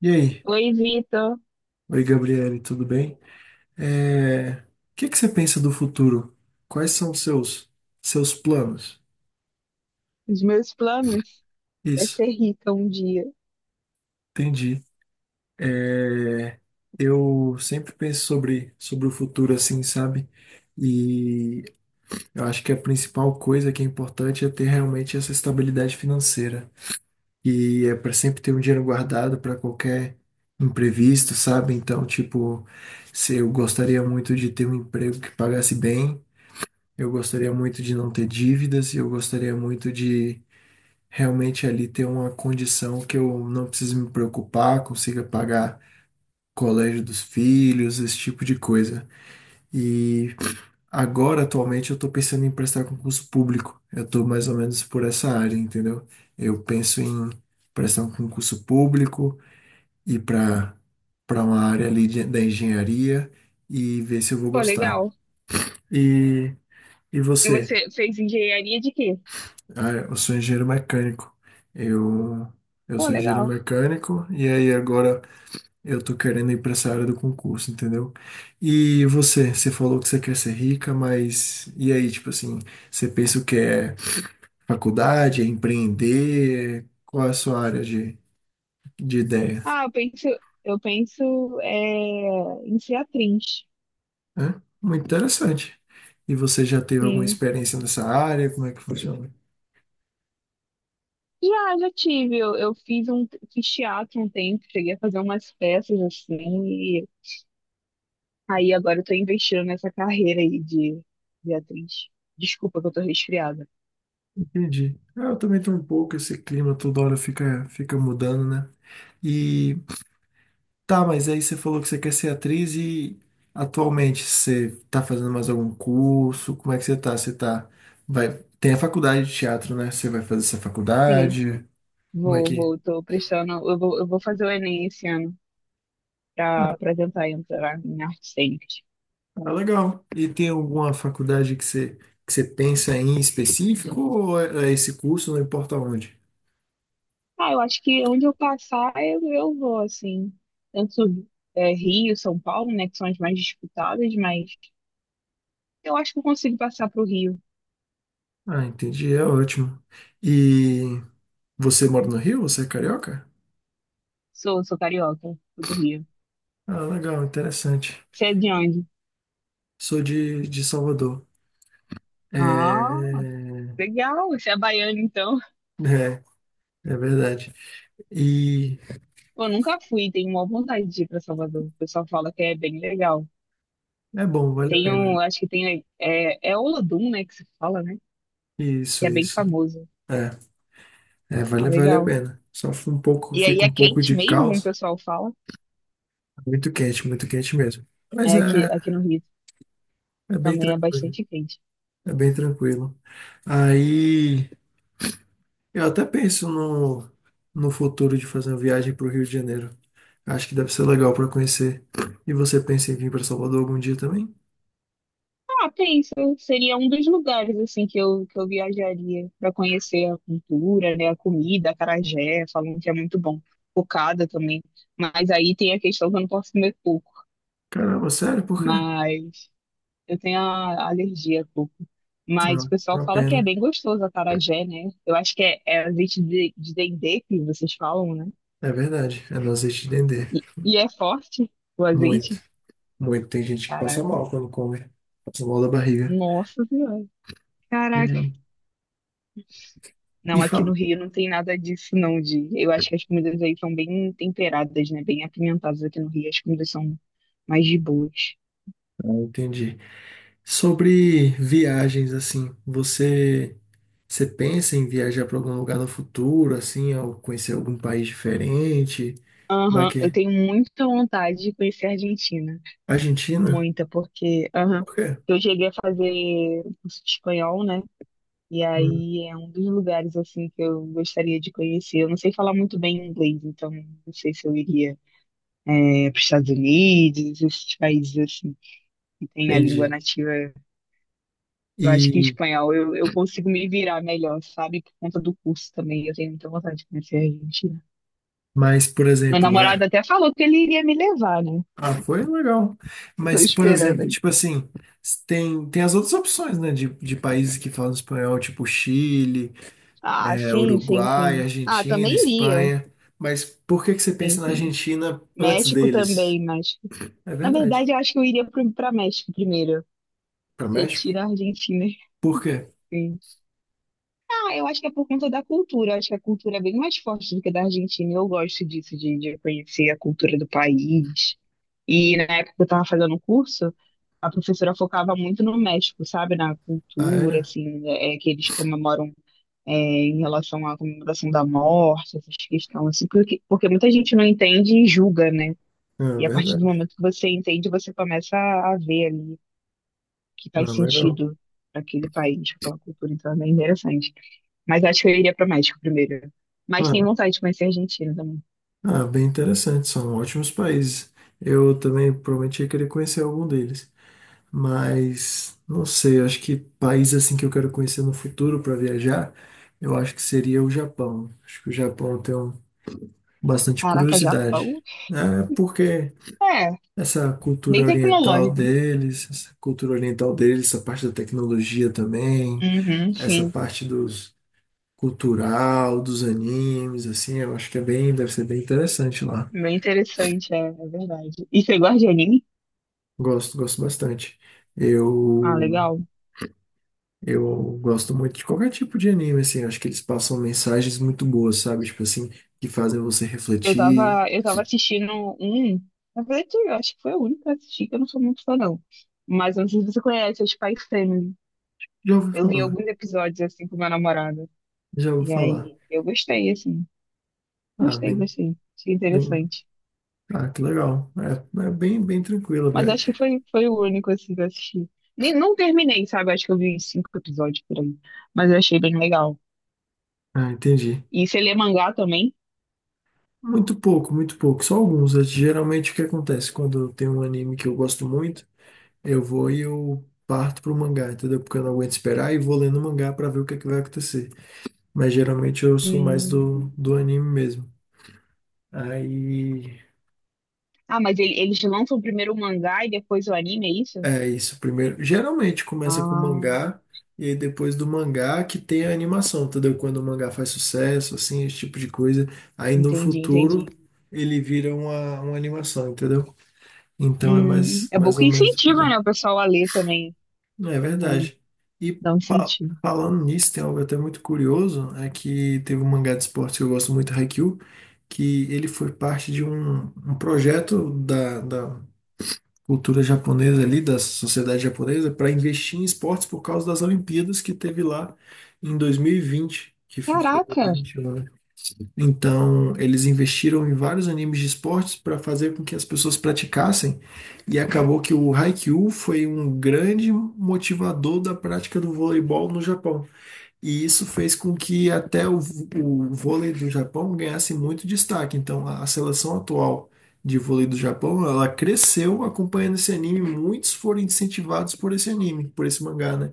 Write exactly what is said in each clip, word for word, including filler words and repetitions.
E aí? Oi, Vitor. Oi, Gabriele, tudo bem? É, O que que você pensa do futuro? Quais são os seus seus planos? Os meus planos é Isso, ser rica um dia. entendi. É, Eu sempre penso sobre sobre o futuro assim, sabe? E eu acho que a principal coisa que é importante é ter realmente essa estabilidade financeira. E é para sempre ter um dinheiro guardado para qualquer imprevisto, sabe? Então, tipo, se eu gostaria muito de ter um emprego que pagasse bem. Eu gostaria muito de não ter dívidas, e eu gostaria muito de realmente ali ter uma condição que eu não precise me preocupar, consiga pagar colégio dos filhos, esse tipo de coisa. E agora, atualmente, eu estou pensando em prestar concurso público. Eu estou mais ou menos por essa área, entendeu? Eu penso em prestar um concurso público e para para uma área ali de- da engenharia e ver se eu vou Pô, gostar. legal. E, e E você? você fez engenharia de quê? Ah, eu sou engenheiro mecânico. Eu, eu Pô, sou engenheiro legal. mecânico e aí agora eu tô querendo ir para essa área do concurso, entendeu? E você, você falou que você quer ser rica, mas e aí, tipo assim, você pensa o que é faculdade, é empreender? Qual é a sua área de, de ideia? Ah, eu penso, eu penso é, em ser atriz. Hã? Muito interessante. E você já teve alguma Sim. experiência nessa área? Como é que funciona? Já, já tive. Eu, eu fiz um, fiz teatro um tempo, cheguei a fazer umas peças assim. E aí agora eu tô investindo nessa carreira aí de, de atriz. Desculpa que eu tô resfriada. Entendi. Ah, eu também tô um pouco, esse clima toda hora fica, fica mudando, né? E Tá, mas aí você falou que você quer ser atriz e atualmente você tá fazendo mais algum curso? Como é que você tá? Você tá. Vai... Tem a faculdade de teatro, né? Você vai fazer essa Sim, faculdade? Como é vou, que. vou, tô prestando. Eu vou, eu vou fazer o Enem esse ano para Ah, para tentar entrar em artes cênicas. ah, legal. E tem alguma faculdade que você, que você pensa em específico ou é é esse curso, não importa onde? Ah, eu acho que onde eu passar, eu, eu vou, assim. Tanto é, Rio, São Paulo, né, que são as mais disputadas, mas eu acho que eu consigo passar pro Rio. Ah, entendi, é ótimo. E você mora no Rio? Você é carioca? Sou, sou carioca, sou do Rio. Ah, legal, interessante. Você é de onde? Sou de, de Salvador. Ah, É, legal, você é baiano, então. é. É verdade. E Eu nunca fui, tenho uma vontade de ir para Salvador. O pessoal fala que é bem legal. é bom, vale a Tem um, pena. acho que tem, é, é Olodum, né, que se fala, né, que Isso, é bem isso. famoso. É, é, Ah, vale, vale a legal. pena. Só fica um pouco, E aí fica é um pouco quente de mesmo, como o caos. pessoal fala. Muito quente, muito quente mesmo. Mas É, aqui, é, aqui no Rio é bem também é tranquilo. bastante quente. É bem tranquilo. Aí eu até penso no, no futuro de fazer uma viagem para o Rio de Janeiro. Acho que deve ser legal para conhecer. E você pensa em vir para Salvador algum dia também? Ah, penso, seria um dos lugares assim que eu, que eu viajaria para conhecer a cultura, né, a comida, acarajé, falam que é muito bom. Cocada também. Mas aí tem a questão que eu não posso comer coco, Caramba, sério? Por quê? mas eu tenho a alergia a coco. Não, Mas o não pessoal é uma fala que é pena. bem gostoso acarajé, né? Eu acho que é, é azeite de, de dendê que vocês falam, né? É verdade. É nós de entender. E, e é forte o Muito. azeite. Muito. Tem gente que passa Caraca. mal quando come. Passa mal da barriga. Nossa Senhora. Caraca. É. E Não, aqui no fala. Rio não tem nada disso, não, de. Eu acho que as comidas aí são bem temperadas, né? Bem apimentadas aqui no Rio. As comidas são mais de boas. Ah, entendi. Sobre viagens, assim, você, você pensa em viajar para algum lugar no futuro, assim, ou conhecer algum país diferente? Como é Aham, que eu é? tenho muita vontade de conhecer a Argentina. Argentina? Muita, porque aham, Por quê? eu cheguei a fazer curso de espanhol, né? E Hum, aí é um dos lugares assim que eu gostaria de conhecer. Eu não sei falar muito bem inglês, então não sei se eu iria eh, para os Estados Unidos, esses países assim que tem a língua entendi. nativa. Eu acho que E, espanhol eu, eu consigo me virar melhor, sabe? Por conta do curso também. Eu tenho muita vontade de conhecer a Argentina. mas, por Meu exemplo, é. namorado até falou que ele iria me levar, né? Ah, foi legal. Tô Mas, por esperando exemplo, aí. tipo assim, tem, tem as outras opções, né, de, de países que falam espanhol, tipo Chile. Ah, é, sim, sim, Uruguai, sim. Ah, Argentina, também iria. Espanha. Mas por que que você Sim, pensa na sim. Argentina antes México deles? também, México. É Na verdade. verdade, eu acho que eu iria pro- pra México primeiro. Para México? Retira a Argentina. Por quê? Sim. Ah, eu acho que é por conta da cultura. Eu acho que a cultura é bem mais forte do que a da Argentina. Eu gosto disso, de, de conhecer a cultura do país. E na época que eu estava fazendo o curso, a professora focava muito no México, sabe? Na Ah, cultura, era? assim, é, é que eles comemoram é, em relação à comemoração da morte, essas questões, assim, porque, porque muita gente não entende e julga, né? Ah, E a partir do verdade. momento que você entende, você começa a, a ver ali que Ah, faz legal. sentido para aquele país, para aquela cultura. Então é bem interessante. Mas acho que eu iria para o México primeiro. Mas Ah, tenho vontade de conhecer a Argentina também. ah, bem interessante. São ótimos países. Eu também prometi querer conhecer algum deles. Mas não sei, acho que país assim que eu quero conhecer no futuro para viajar, eu acho que seria o Japão. Acho que o Japão eu tenho bastante Caraca, curiosidade. Japão? É porque É, Essa cultura bem oriental tecnológico. deles, essa cultura oriental deles, essa parte da tecnologia também, Uhum, essa sim. parte dos cultural, dos animes, assim, eu acho que é bem, deve ser bem interessante lá. Bem interessante, é, é verdade. E você gosta de anime? Gosto, gosto bastante. Ah, Eu, legal. eu gosto muito de qualquer tipo de anime, assim, acho que eles passam mensagens muito boas, sabe? Tipo assim, que fazem você Eu refletir. tava, eu tava assistindo um. Na verdade, eu acho que foi o único que eu assisti, que eu não sou muito fã, não. Mas eu não sei se você conhece, é Spy Family. Já ouvi Eu vi falar, alguns episódios assim com meu namorado. já ouvi E falar. aí, eu gostei, assim. Ah, Gostei, bem, gostei. Achei bem, interessante. ah, que legal. É, é bem, bem tranquilo, Mas velho. acho que foi, foi o único assim que eu assisti. Nem, não terminei, sabe? Acho que eu vi cinco episódios por aí. Mas eu achei bem legal. Ah, entendi. E você lê mangá também? Muito pouco, muito pouco, só alguns. É, geralmente o que acontece quando tem um anime que eu gosto muito, eu vou e eu parto pro mangá, entendeu? Porque eu não aguento esperar e vou lendo o mangá pra ver o que é que vai acontecer. Mas geralmente eu sou mais Hum. do, do anime mesmo. Aí Ah, mas ele- eles lançam primeiro o mangá e depois o anime, é isso? é isso, primeiro. Geralmente começa com Ah, mangá e aí depois do mangá que tem a animação, entendeu? Quando o mangá faz sucesso, assim, esse tipo de coisa, aí no entendi, futuro entendi. ele vira uma, uma animação, entendeu? Então é Hum, mais, é bom mais que ou menos. incentiva, né, o pessoal a ler também. Não, é Ali, verdade. E dá um fa- incentivo. falando nisso, tem algo até muito curioso, é que teve um mangá de esportes que eu gosto muito, Haikyuu, que ele foi parte de um, um projeto da, da cultura japonesa ali, da sociedade japonesa, para investir em esportes por causa das Olimpíadas que teve lá em dois mil e vinte, que foi Caraca, dois mil e vinte e um. Então, eles investiram em vários animes de esportes para fazer com que as pessoas praticassem, e acabou que o Haikyuu foi um grande motivador da prática do voleibol no Japão. E isso fez com que até o, v- o vôlei do Japão ganhasse muito destaque. Então, a, a seleção atual de, vôlei do Japão, ela cresceu acompanhando esse anime, muitos foram incentivados por esse anime, por esse mangá, né?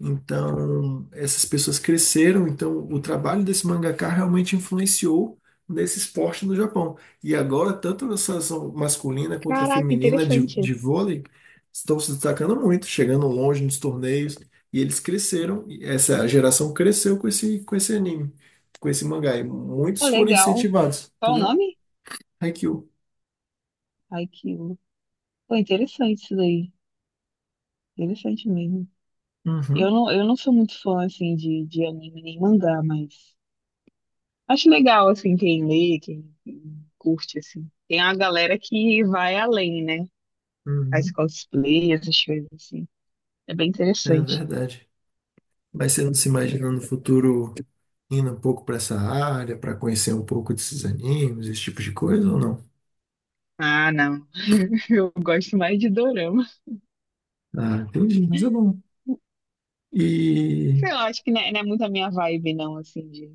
Então, essas pessoas cresceram, então o trabalho desse mangaka realmente influenciou nesse esporte no Japão. E agora, tanto a seleção masculina quanto a caraca, feminina de, interessante. de vôlei estão se destacando muito, chegando longe nos torneios, e eles cresceram, e essa geração cresceu com esse, com esse anime, com esse mangá, e Pô, muitos foram legal. incentivados, Qual o entendeu? nome? Haikyuu. Ai, que... Pô, interessante isso daí. Interessante mesmo. Eu Uhum, não, eu não sou muito fã, assim, de, de anime nem mangá, mas acho legal, assim, quem lê, quem, quem curte, assim. Tem a galera que vai além, né? Faz uhum, cosplay, essas coisas, assim. É bem é interessante. verdade. Mas você não se imagina no futuro indo um pouco para essa área, para conhecer um pouco desses animes, esse tipo de coisa ou não? Ah, não. Eu gosto mais de dorama. Ah, entendi, mas é bom. E Sei lá, acho que não é, não é muito a minha vibe, não, assim, de...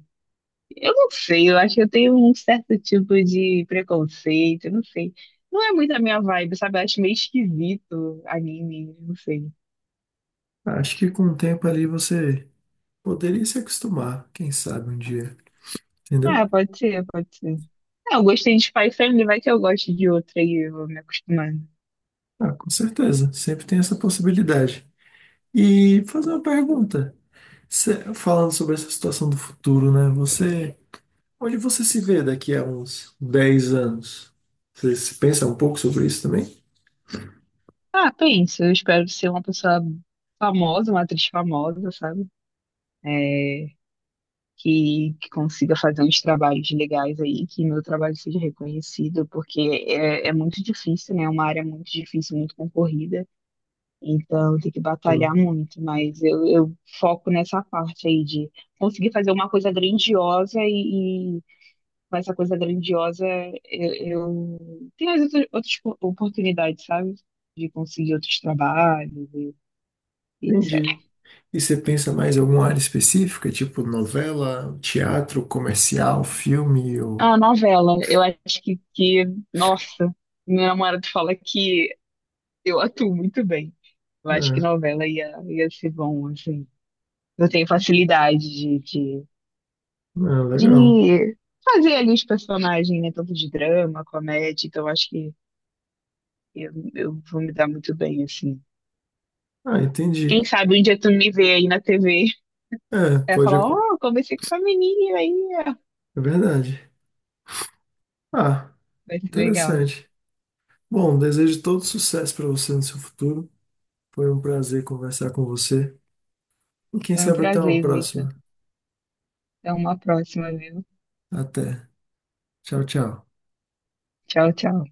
Eu não sei, eu acho que eu tenho um certo tipo de preconceito, eu não sei. Não é muito a minha vibe, sabe? Eu acho meio esquisito anime, não sei. acho que com o tempo ali você poderia se acostumar, quem sabe um dia, entendeu? Ah, pode ser, pode ser. Ah, eu gostei de Spy Family, vai que eu gosto de outra e eu vou me acostumando. Ah, com certeza, sempre tem essa possibilidade. E fazer uma pergunta, Cê- falando sobre essa situação do futuro, né? Você, onde você se vê daqui a uns dez anos? Você se pensa um pouco sobre isso também? Ah, pensa, eu espero ser uma pessoa famosa, uma atriz famosa, sabe? É, que, que consiga fazer uns trabalhos legais aí, que meu trabalho seja reconhecido, porque é, é muito difícil, né? É uma área muito difícil, muito concorrida, então tem que batalhar Sim, muito, mas eu, eu foco nessa parte aí de conseguir fazer uma coisa grandiosa e mas essa coisa grandiosa, eu, eu tenho as outras, outras po- oportunidades, sabe? De conseguir outros trabalhos e e et cetera. entendi. E você pensa mais em alguma área específica, tipo novela, teatro, comercial, filme ou... A novela, eu acho que, que, nossa, meu namorado fala que eu atuo muito bem. Eu acho que É, novela ia, ia ser bom, assim. Eu tenho facilidade de, de, ah, legal. de fazer ali os personagens, né? Tanto de drama, comédia, então eu acho que eu, eu vou me dar muito bem, assim. Ah, Quem entendi. sabe um dia tu me vê aí na T V. É, Ela pode... falou, acon- "oh, comecei com essa menina aí, ó." É verdade. Ah, Vai ser legal. interessante. Bom, desejo todo sucesso para você no seu futuro. Foi um prazer conversar com você. E quem Foi um sabe até uma prazer, próxima. Vitor. Até uma próxima, viu? Até. Tchau, tchau. Tchau, tchau.